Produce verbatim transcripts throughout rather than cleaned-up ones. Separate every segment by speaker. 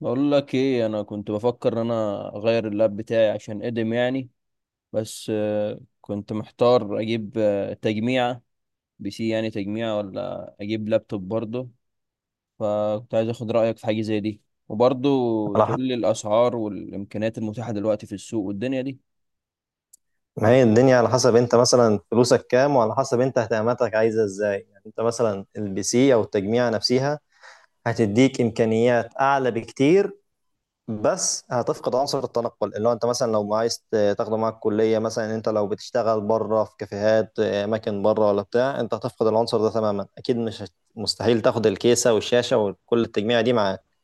Speaker 1: بقول لك ايه، انا كنت بفكر ان انا اغير اللاب بتاعي عشان قدم يعني. بس آه، كنت محتار اجيب آه، تجميعة بي سي، يعني تجميعة ولا اجيب لابتوب برضه. فكنت عايز اخد رأيك في حاجة زي دي، وبرضه
Speaker 2: على ح...
Speaker 1: تقول لي الاسعار والامكانيات المتاحة دلوقتي في السوق والدنيا دي.
Speaker 2: ما هي الدنيا على حسب انت مثلا فلوسك كام، وعلى حسب انت اهتماماتك عايزه ازاي، يعني انت مثلا البي سي او التجميع نفسها هتديك امكانيات اعلى بكتير، بس هتفقد عنصر التنقل اللي هو انت مثلا لو عايز ت- تاخده معاك كليه مثلا. انت لو بتشتغل بره في كافيهات، آه، اماكن بره ولا بتاع، انت هتفقد العنصر ده تماما. اكيد مش هت- مستحيل تاخد الكيسه والشاشه وكل التجميع دي معاك.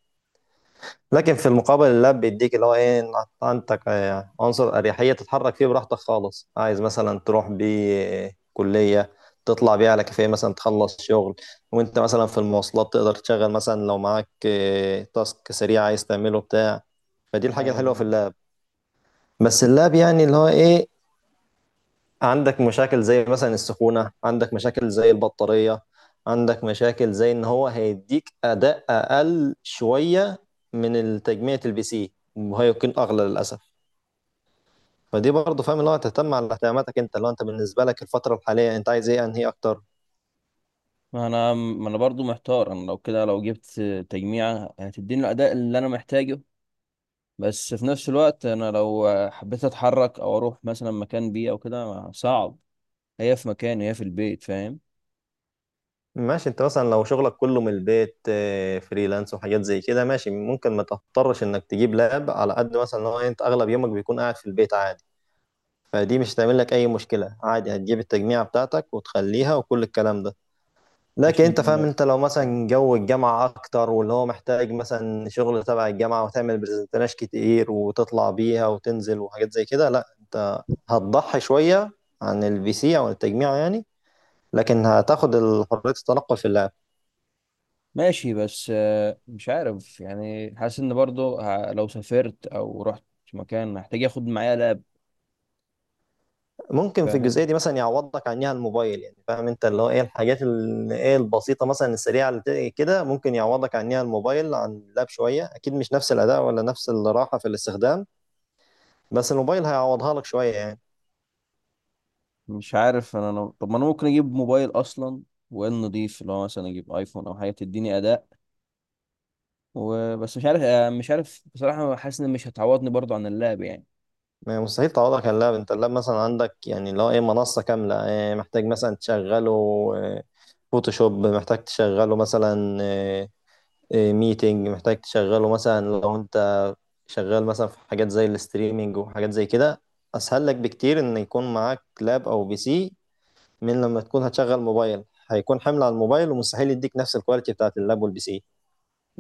Speaker 2: لكن في المقابل اللاب بيديك اللي هو ايه، إن عندك آه، عنصر اريحيه تتحرك فيه براحتك خالص، عايز مثلا تروح بيه آه، كليه، تطلع بيه على كافيه مثلا تخلص شغل، وانت مثلا في المواصلات تقدر تشغل مثلا لو معاك آه، تاسك سريع عايز تعمله بتاع فدي الحاجه الحلوه في
Speaker 1: ايوه.
Speaker 2: اللاب. بس اللاب يعني اللي هو ايه، عندك مشاكل زي مثلا السخونة، عندك مشاكل زي البطارية، عندك مشاكل زي ان هو هيديك اداء اقل شوية من التجميع البي سي، وهي يكون اغلى للاسف. فدي برضه فاهم، اللي هو تهتم على اهتماماتك انت، اللي هو انت بالنسبة لك الفترة الحالية انت عايز ايه انهي اكتر.
Speaker 1: ما انا ما انا برضه محتار، انا لو كده، لو جبت تجميعة هتديني الاداء اللي انا محتاجه، بس في نفس الوقت انا لو حبيت اتحرك او اروح مثلا مكان بيه او كده صعب. هي في مكان، هي في البيت، فاهم.
Speaker 2: ماشي، انت مثلا لو شغلك كله من البيت، آه، فريلانس وحاجات زي كده، ماشي ممكن ما تضطرش انك تجيب لاب، على قد مثلا ان هو انت اغلب يومك بيكون قاعد في البيت عادي. فدي مش هتعمل لك اي مشكله، عادي هتجيب التجميعه بتاعتك وتخليها وكل الكلام ده. لكن
Speaker 1: عشان.
Speaker 2: انت فاهم، انت لو مثلا جو الجامعه اكتر، واللي هو محتاج مثلا شغل تبع الجامعه وتعمل برزنتيشن كتير وتطلع بيها وتنزل وحاجات زي كده، لا انت هتضحي شويه عن البي سي او التجميع يعني، لكن هتاخد حريه التنقل في اللعب.
Speaker 1: ماشي، بس آه، مش عارف يعني، حاسس ان برضو ه- لو سافرت او رحت مكان هحتاج اخد معايا لاب.
Speaker 2: ممكن في الجزئية
Speaker 1: فاهم.
Speaker 2: دي مثلا يعوضك عنها الموبايل، يعني فاهم انت اللي هو ايه الحاجات ال- ايه البسيطة مثلا السريعة اللي ت- كده ممكن يعوضك عنها الموبايل عن اللاب شوية. أكيد مش نفس الأداء ولا نفس الراحة في الاستخدام، بس الموبايل هيعوضها لك شوية يعني.
Speaker 1: مش عارف انا أنا- طب ما انا ممكن اجيب موبايل اصلا، وان نضيف اللي هو مثلا اجيب ايفون او حاجه تديني اداء وبس. مش عارف آه، مش عارف بصراحه، حاسس ان مش هتعوضني برضو عن اللاب يعني.
Speaker 2: ما مستحيل تعوضك عن اللاب، انت اللاب مثلا عندك يعني اللي هو ايه منصة كاملة، ايه محتاج مثلا تشغله اه، فوتوشوب، محتاج تشغله مثلا اه، اه، ميتنج، محتاج تشغله مثلا لو انت شغال مثلا في حاجات زي الاستريمينج وحاجات زي كده. اسهل لك بكتير ان يكون معاك لاب او بي سي، من لما تكون هتشغل موبايل، هيكون حمل على الموبايل ومستحيل يديك نفس الكواليتي بتاعت اللاب والبي سي.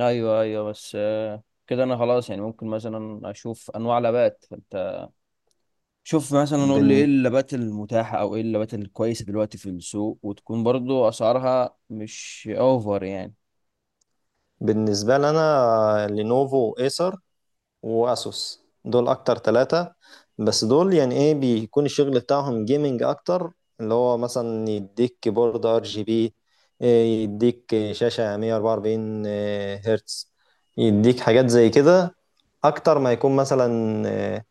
Speaker 1: ايوه، ايوه، بس آه، كده انا خلاص يعني، ممكن مثلا اشوف انواع لابات. شوف مثلا، نقول لي ايه
Speaker 2: بن...
Speaker 1: اللابات المتاحة او ايه اللابات الكويسة دلوقتي في السوق، وتكون برضو اسعارها مش اوفر يعني.
Speaker 2: بالنسبة لنا لينوفو، ايسر، واسوس، دول اكتر ثلاثة. بس دول يعني ايه بيكون الشغل بتاعهم جيمنج اكتر، اللي هو مثلا يديك كيبورد ار جي بي، يديك شاشة مية واربعة واربعين هرتز، يديك حاجات زي كده اكتر ما يكون مثلا آه،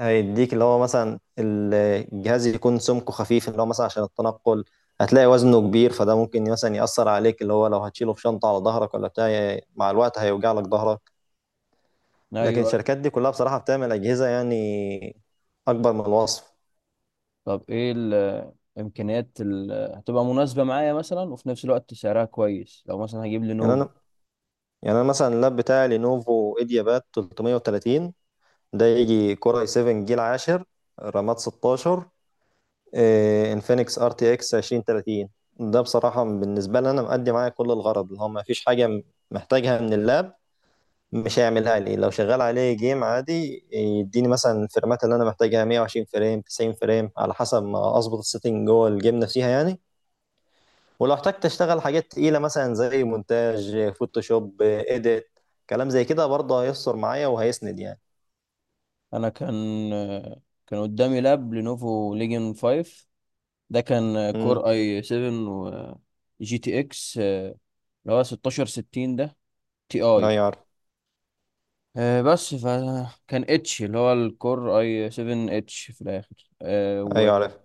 Speaker 2: هيديك اللي هو مثلا ال- الجهاز يكون سمكه خفيف، اللي هو مثلا عشان التنقل هتلاقي وزنه كبير، فده ممكن مثلا يأثر عليك، اللي هو لو هتشيله في شنطة على ظهرك ولا بتاع، مع الوقت هيوجع لك ظهرك.
Speaker 1: ايوه،
Speaker 2: لكن
Speaker 1: أيوة.
Speaker 2: الشركات دي كلها بصراحة بتعمل أجهزة يعني أكبر من الوصف.
Speaker 1: طب ايه الامكانيات اللي هتبقى مناسبة معايا مثلا، وفي نفس الوقت سعرها كويس، لو مثلا هجيب
Speaker 2: يعني
Speaker 1: لينوفو.
Speaker 2: أنا يعني أنا مثلا اللاب بتاعي لينوفو إيدياباد ثلاثمية وثلاثين، ده يجي كور اي سبعة جيل عاشر، رامات ستاشر، انفينكس ار تي اكس الفين وثلاثين. ده بصراحة بالنسبة لي أنا مأدي معايا كل الغرض، اللي هو مفيش حاجة م- محتاجها من اللاب مش هيعملها لي. لو شغال عليه جيم عادي، يديني مثلا الفريمات اللي أنا محتاجها، مية وعشرين فريم، تسعين فريم، على حسب ما أظبط السيتنج جوه الجيم نفسها يعني. ولو احتجت أشتغل حاجات تقيلة مثلا زي مونتاج، فوتوشوب، إيديت، كلام زي كده، برضه هيسر معايا وهيسند يعني.
Speaker 1: انا كان كان قدامي لاب لينوفو ليجن خمسة. ده كان
Speaker 2: امم.
Speaker 1: كور اي سبعة، و جي تي اكس اللي هو ستاشر ستين ده تي اي.
Speaker 2: أيوة عارف.
Speaker 1: آه، بس فكان اتش اللي هو الكور اي سبعة اتش في الاخر. آه،
Speaker 2: أيوة عارف.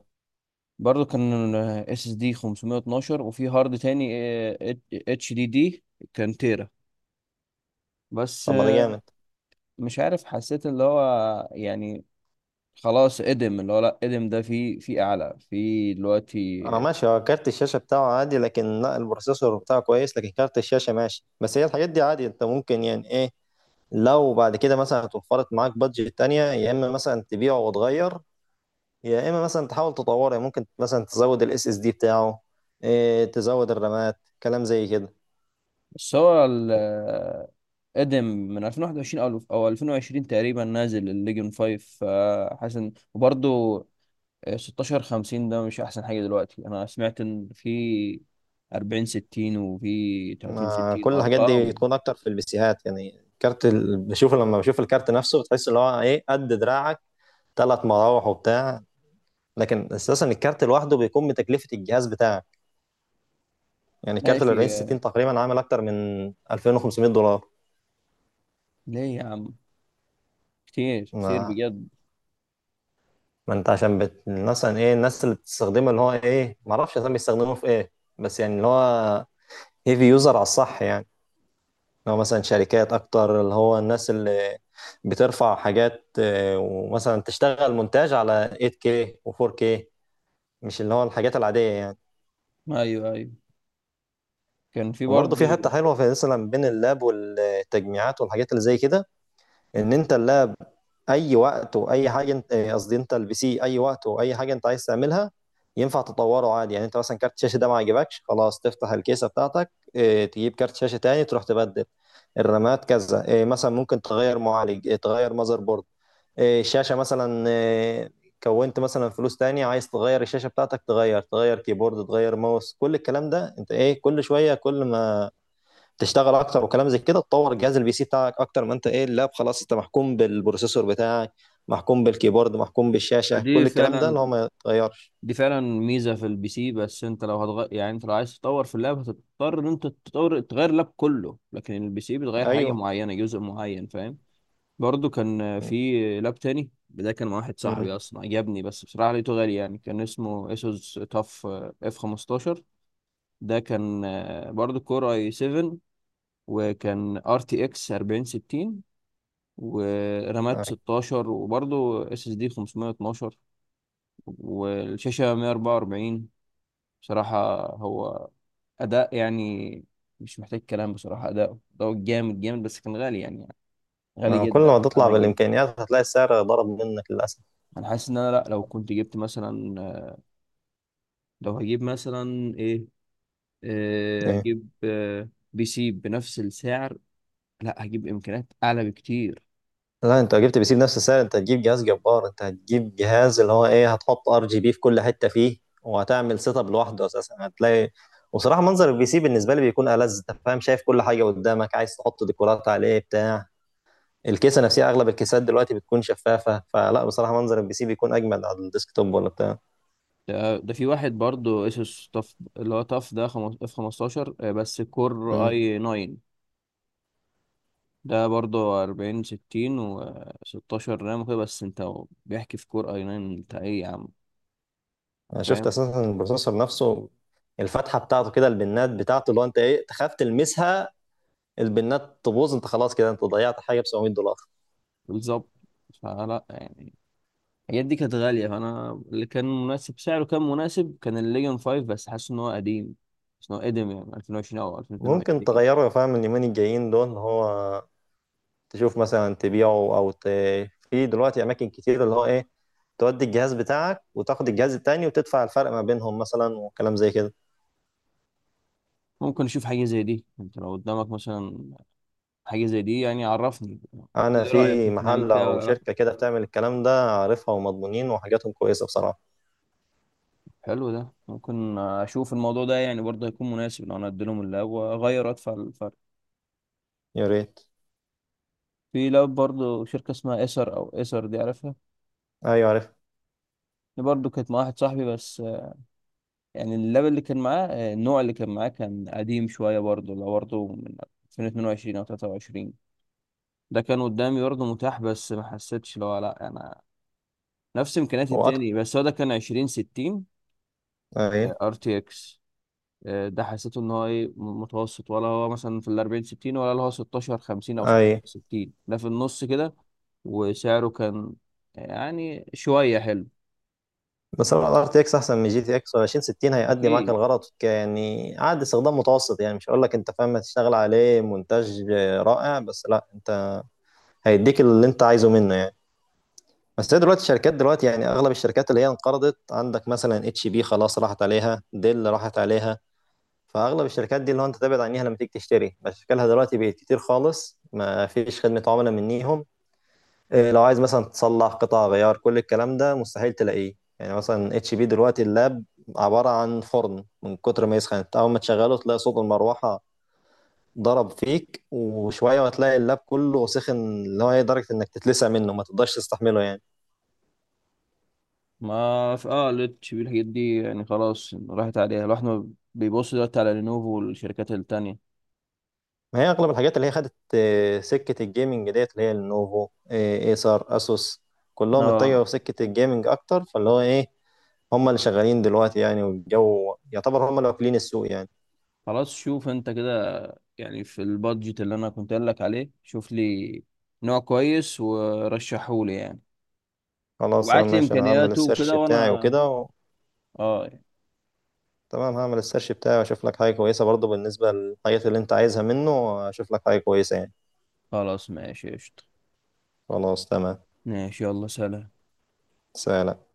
Speaker 1: وبرضه كان اس اس دي خمسمية واتناشر، وفي هارد تاني اتش دي دي كان تيرا. بس
Speaker 2: طب ما ده
Speaker 1: آه،
Speaker 2: جامد.
Speaker 1: مش عارف، حسيت اللي هو يعني خلاص ادم، اللي هو لا، ادم ده في في اعلى في دلوقتي.
Speaker 2: اه ماشي، هو كارت الشاشة بتاعه عادي، لكن لا البروسيسور بتاعه كويس، لكن كارت الشاشة ماشي. بس هي الحاجات دي عادي، انت ممكن يعني ايه لو بعد كده مثلا اتوفرت معاك بادجت تانية، يا اما مثلا تبيعه وتغير، يا اما مثلا تحاول تطوره يعني. ممكن مثلا تزود الاس اس دي بتاعه، إيه تزود الرامات، كلام زي كده.
Speaker 1: بس هو ال- آه، ادم من ألفين وواحد وعشرين او او ألفين وعشرين تقريبا، نازل الليجن خمسة. فحاسس إن- وبرضه ستاشر خمسين ده مش احسن حاجه دلوقتي. انا سمعت ان في اربعين ستين، وفي تلاتين
Speaker 2: ما
Speaker 1: ستين
Speaker 2: كل الحاجات دي
Speaker 1: وارقام.
Speaker 2: تكون اكتر في البيسيهات يعني. كارت ال... بشوف لما بشوف الكارت نفسه، بتحس اللي هو ايه قد دراعك، ثلاث مراوح وبتاع. لكن اساسا الكارت لوحده بيكون بتكلفة الجهاز بتاعك، يعني كارت ال
Speaker 1: ماشي.
Speaker 2: اربعين ستين تقريبا عامل اكتر من الفين وخمسمائة دولار.
Speaker 1: ليه يا عم، كتير كتير
Speaker 2: ما,
Speaker 1: بجد.
Speaker 2: ما انت عشان بت... مثلا ايه الناس اللي بتستخدمه، اللي هو ايه ما اعرفش اصلا بيستخدموه في ايه، بس يعني اللي هو هيفي يوزر على الصح يعني. لو مثلا شركات اكتر، اللي هو الناس اللي بترفع حاجات آه، ومثلا تشتغل مونتاج على ايت كي و4K، مش اللي هو الحاجات العادية يعني.
Speaker 1: ايوه، ايوه، كان في
Speaker 2: وبرضه في حتة
Speaker 1: برضه.
Speaker 2: حلوة، في مثلا بين اللاب والتجميعات والحاجات اللي زي كده، ان انت اللاب اي وقت واي حاجه انت آه، قصدي انت البي سي اي وقت واي حاجه انت عايز تعملها ينفع تطوره عادي يعني. انت مثلا كارت الشاشه ده ما عجبكش، خلاص تفتح الكيسه بتاعتك آه، تجيب كارت شاشه تاني تروح تبدل، الرامات كذا آه، مثلا ممكن تغير معالج، آه، تغير ماذر بورد، آه، الشاشه مثلا، آه، كونت مثلا فلوس تاني عايز تغير الشاشه بتاعتك، تغير تغير كيبورد، تغير ماوس، كل الكلام ده انت ايه كل شويه، كل ما تشتغل اكتر وكلام زي كده تطور جهاز البي سي بتاعك اكتر. ما انت ايه اللاب، خلاص انت محكوم بالبروسيسور بتاعك، محكوم بالكيبورد، محكوم بالشاشه،
Speaker 1: دي
Speaker 2: كل الكلام ده
Speaker 1: فعلا
Speaker 2: اللي هو ما يتغيرش.
Speaker 1: دي فعلا ميزه في البي سي، بس انت لو هتغير يعني، انت لو عايز تطور في اللاب هتضطر ان انت تطور تغير اللاب كله، لكن البي سي بتغير حاجه
Speaker 2: ايوه.
Speaker 1: معينه، جزء معين، فاهم. برضو كان
Speaker 2: م-
Speaker 1: في لاب تاني ده، كان مع واحد
Speaker 2: م-
Speaker 1: صاحبي اصلا عجبني، بس بصراحه لقيته غالي يعني، كان اسمه اسوس تاف اف خمستاشر. ده كان برضو كور اي سبعة، وكان ار تي اكس اربعين ستين، ورامات
Speaker 2: أيوة.
Speaker 1: ستاشر، وبرضو اس اس دي خمسمية واتناشر، والشاشه مية واربعة واربعين. بصراحه هو اداء يعني مش محتاج كلام، بصراحه اداؤه ده جامد جامد، بس كان غالي يعني،
Speaker 2: ما
Speaker 1: غالي
Speaker 2: هو كل
Speaker 1: جدا
Speaker 2: ما تطلع
Speaker 1: انا اجيبه.
Speaker 2: بالامكانيات هتلاقي السعر ضرب منك للاسف.
Speaker 1: انا حاسس ان انا، لا لو كنت جبت مثلا، لو هجيب مثلا ايه، آه
Speaker 2: إيه.
Speaker 1: هجيب آه بي سي بنفس السعر، لا هجيب امكانيات اعلى بكتير.
Speaker 2: لا، انت لو جبت بي سي بنفس السعر انت هتجيب جهاز جبار، انت هتجيب جهاز اللي هو ايه هتحط ار جي بي في كل حته فيه، وهتعمل سيت اب لوحده اساسا هتلاقي. وصراحه منظر البي سي بالنسبه لي بيكون ألذ، انت فاهم شايف كل حاجه قدامك، عايز تحط ديكورات عليه بتاع الكيسه نفسها اغلب الكيسات دلوقتي بتكون شفافه، فلا بصراحه منظر البي سي بيكون اجمل على الديسكتوب ولا بتاع.
Speaker 1: ده, ده في واحد برضو اسوس طف، اللي هو طف ده خمس- اف خمستاشر. آه، بس كور
Speaker 2: امم.
Speaker 1: اي تسعة، ده برضو اربعين ستين و16 رام وكده، بس انت بيحكي في كور اي تسعة. انت ايه يا عم.
Speaker 2: انا شفت
Speaker 1: فاهم.
Speaker 2: اساسا البروسيسور نفسه، الفتحه بتاعته كده البنات بتاعته، اللي هو انت ايه تخاف تلمسها. البنات تبوظ، انت خلاص كده انت ضيعت حاجه ب سبعمائة دولار.
Speaker 1: بالظبط. فلا يعني، الحاجات دي كانت غالية، فأنا اللي كان مناسب سعره، كان مناسب كان الليجن خمسة، بس حاسس إن هو قديم، حاسس إن هو قديم يعني ألفين وعشرين أو
Speaker 2: ممكن
Speaker 1: ألفين واتنين وعشرين.
Speaker 2: تغيره فاهم اليومين الجايين دول، اللي هو تشوف مثلا تبيعه او ت... في دلوقتي اماكن كتير اللي هو ايه تودي الجهاز بتاعك وتاخد الجهاز التاني وتدفع الفرق ما بينهم مثلا وكلام زي كده.
Speaker 1: ممكن أشوف حاجة زي دي، أنت لو قدامك مثلا حاجة زي دي يعني، عرفني قول
Speaker 2: انا
Speaker 1: لي رأيك
Speaker 2: في
Speaker 1: ممكن أعمل
Speaker 2: محل
Speaker 1: كده
Speaker 2: او
Speaker 1: ولا لأ.
Speaker 2: شركه كده بتعمل الكلام ده، عارفها ومضمونين وحاجاتهم كويسه بصراحه.
Speaker 1: حلو، ده ممكن أشوف الموضوع ده يعني، برضه هيكون مناسب لو أنا أديلهم اللاب وأغير أدفع الفرق.
Speaker 2: يا ريت.
Speaker 1: في لاب برضه شركة اسمها إيسر أو إيسر، دي عارفها.
Speaker 2: ايوه عارف.
Speaker 1: دي برضه كانت مع واحد صاحبي، بس يعني اللاب اللي كان معاه، آه، النوع اللي كان معاه كان قديم شوية، برضه لو برضه من ألفين واتنين وعشرين أو تلاتة وعشرين. ده كان قدامي برضه متاح، بس ما حسيتش لو، لا أنا نفس إمكانيات
Speaker 2: هو اكتر.
Speaker 1: التاني، بس هو ده كان عشرين ستين
Speaker 2: اي.
Speaker 1: ار تي اكس. ده حسيته إن هو إيه م- متوسط، ولا هو مثلا في ال اربعين ستين، ولا اللي هو ستاشر خمسين أو
Speaker 2: اي.
Speaker 1: ستين ده في النص كده، وسعره كان يعني شوية حلو.
Speaker 2: بس ار تي اكس احسن من جي تي اكس، و عشرين ستين هيأدي معاك
Speaker 1: أكيد.
Speaker 2: الغرض ك- يعني عاد استخدام متوسط يعني، مش هقول لك انت فاهم هتشتغل عليه مونتاج رائع، بس لا انت هيديك اللي انت عايزه منه يعني. بس هي دلوقتي الشركات دلوقتي يعني اغلب الشركات اللي هي انقرضت، عندك مثلا اتش بي خلاص راحت عليها، ديل راحت عليها. فاغلب الشركات دي اللي هو انت تبعد عنيها لما تيجي تشتري، بشكلها دلوقتي بقت كتير خالص، ما فيش خدمه عملاء منيهم. إيه، لو عايز مثلا تصلح قطع غيار كل الكلام ده مستحيل تلاقيه يعني. مثلا اتش بي دلوقتي اللاب عباره عن فرن من كتر ما يسخن، انت اول ما تشغله تلاقي صوت المروحه ضرب فيك، وشويه وتلاقي اللاب كله سخن، اللي هو إيه، درجه انك تتلسع منه ما تقدرش تستحمله يعني.
Speaker 1: ما في اه ليد شيبي الحاجات دي يعني، خلاص راحت عليها، الواحد ما بيبص دلوقتي على لينوفو والشركات التانية.
Speaker 2: ما هي اغلب الحاجات اللي هي خدت آه، سكه الجيمنج ديت، اللي هي النوفو، آه، ايسر، اسوس، كلهم
Speaker 1: اه.
Speaker 2: اتجهوا في سكه الجيمنج اكتر، فاللي هو ايه هم اللي شغالين دلوقتي يعني، والجو يعتبر هم اللي واكلين السوق يعني.
Speaker 1: خلاص شوف انت كده، يعني في البادجت اللي انا كنت قايل لك عليه، شوف لي نوع كويس ورشحه لي يعني،
Speaker 2: خلاص آه،
Speaker 1: وابعت لي
Speaker 2: ماشي، انا هعمل
Speaker 1: امكانياته
Speaker 2: السيرش
Speaker 1: وكده
Speaker 2: بتاعي
Speaker 1: وانا
Speaker 2: وكده و...
Speaker 1: اه يعني.
Speaker 2: تمام هعمل السيرش بتاعي واشوف لك حاجه كويسه، برضه بالنسبه للحاجات اللي انت عايزها منه، واشوف لك حاجه كويسه يعني.
Speaker 1: خلاص ماشي قشطة.
Speaker 2: خلاص تمام.
Speaker 1: ماشي يلا سلام.
Speaker 2: سلام.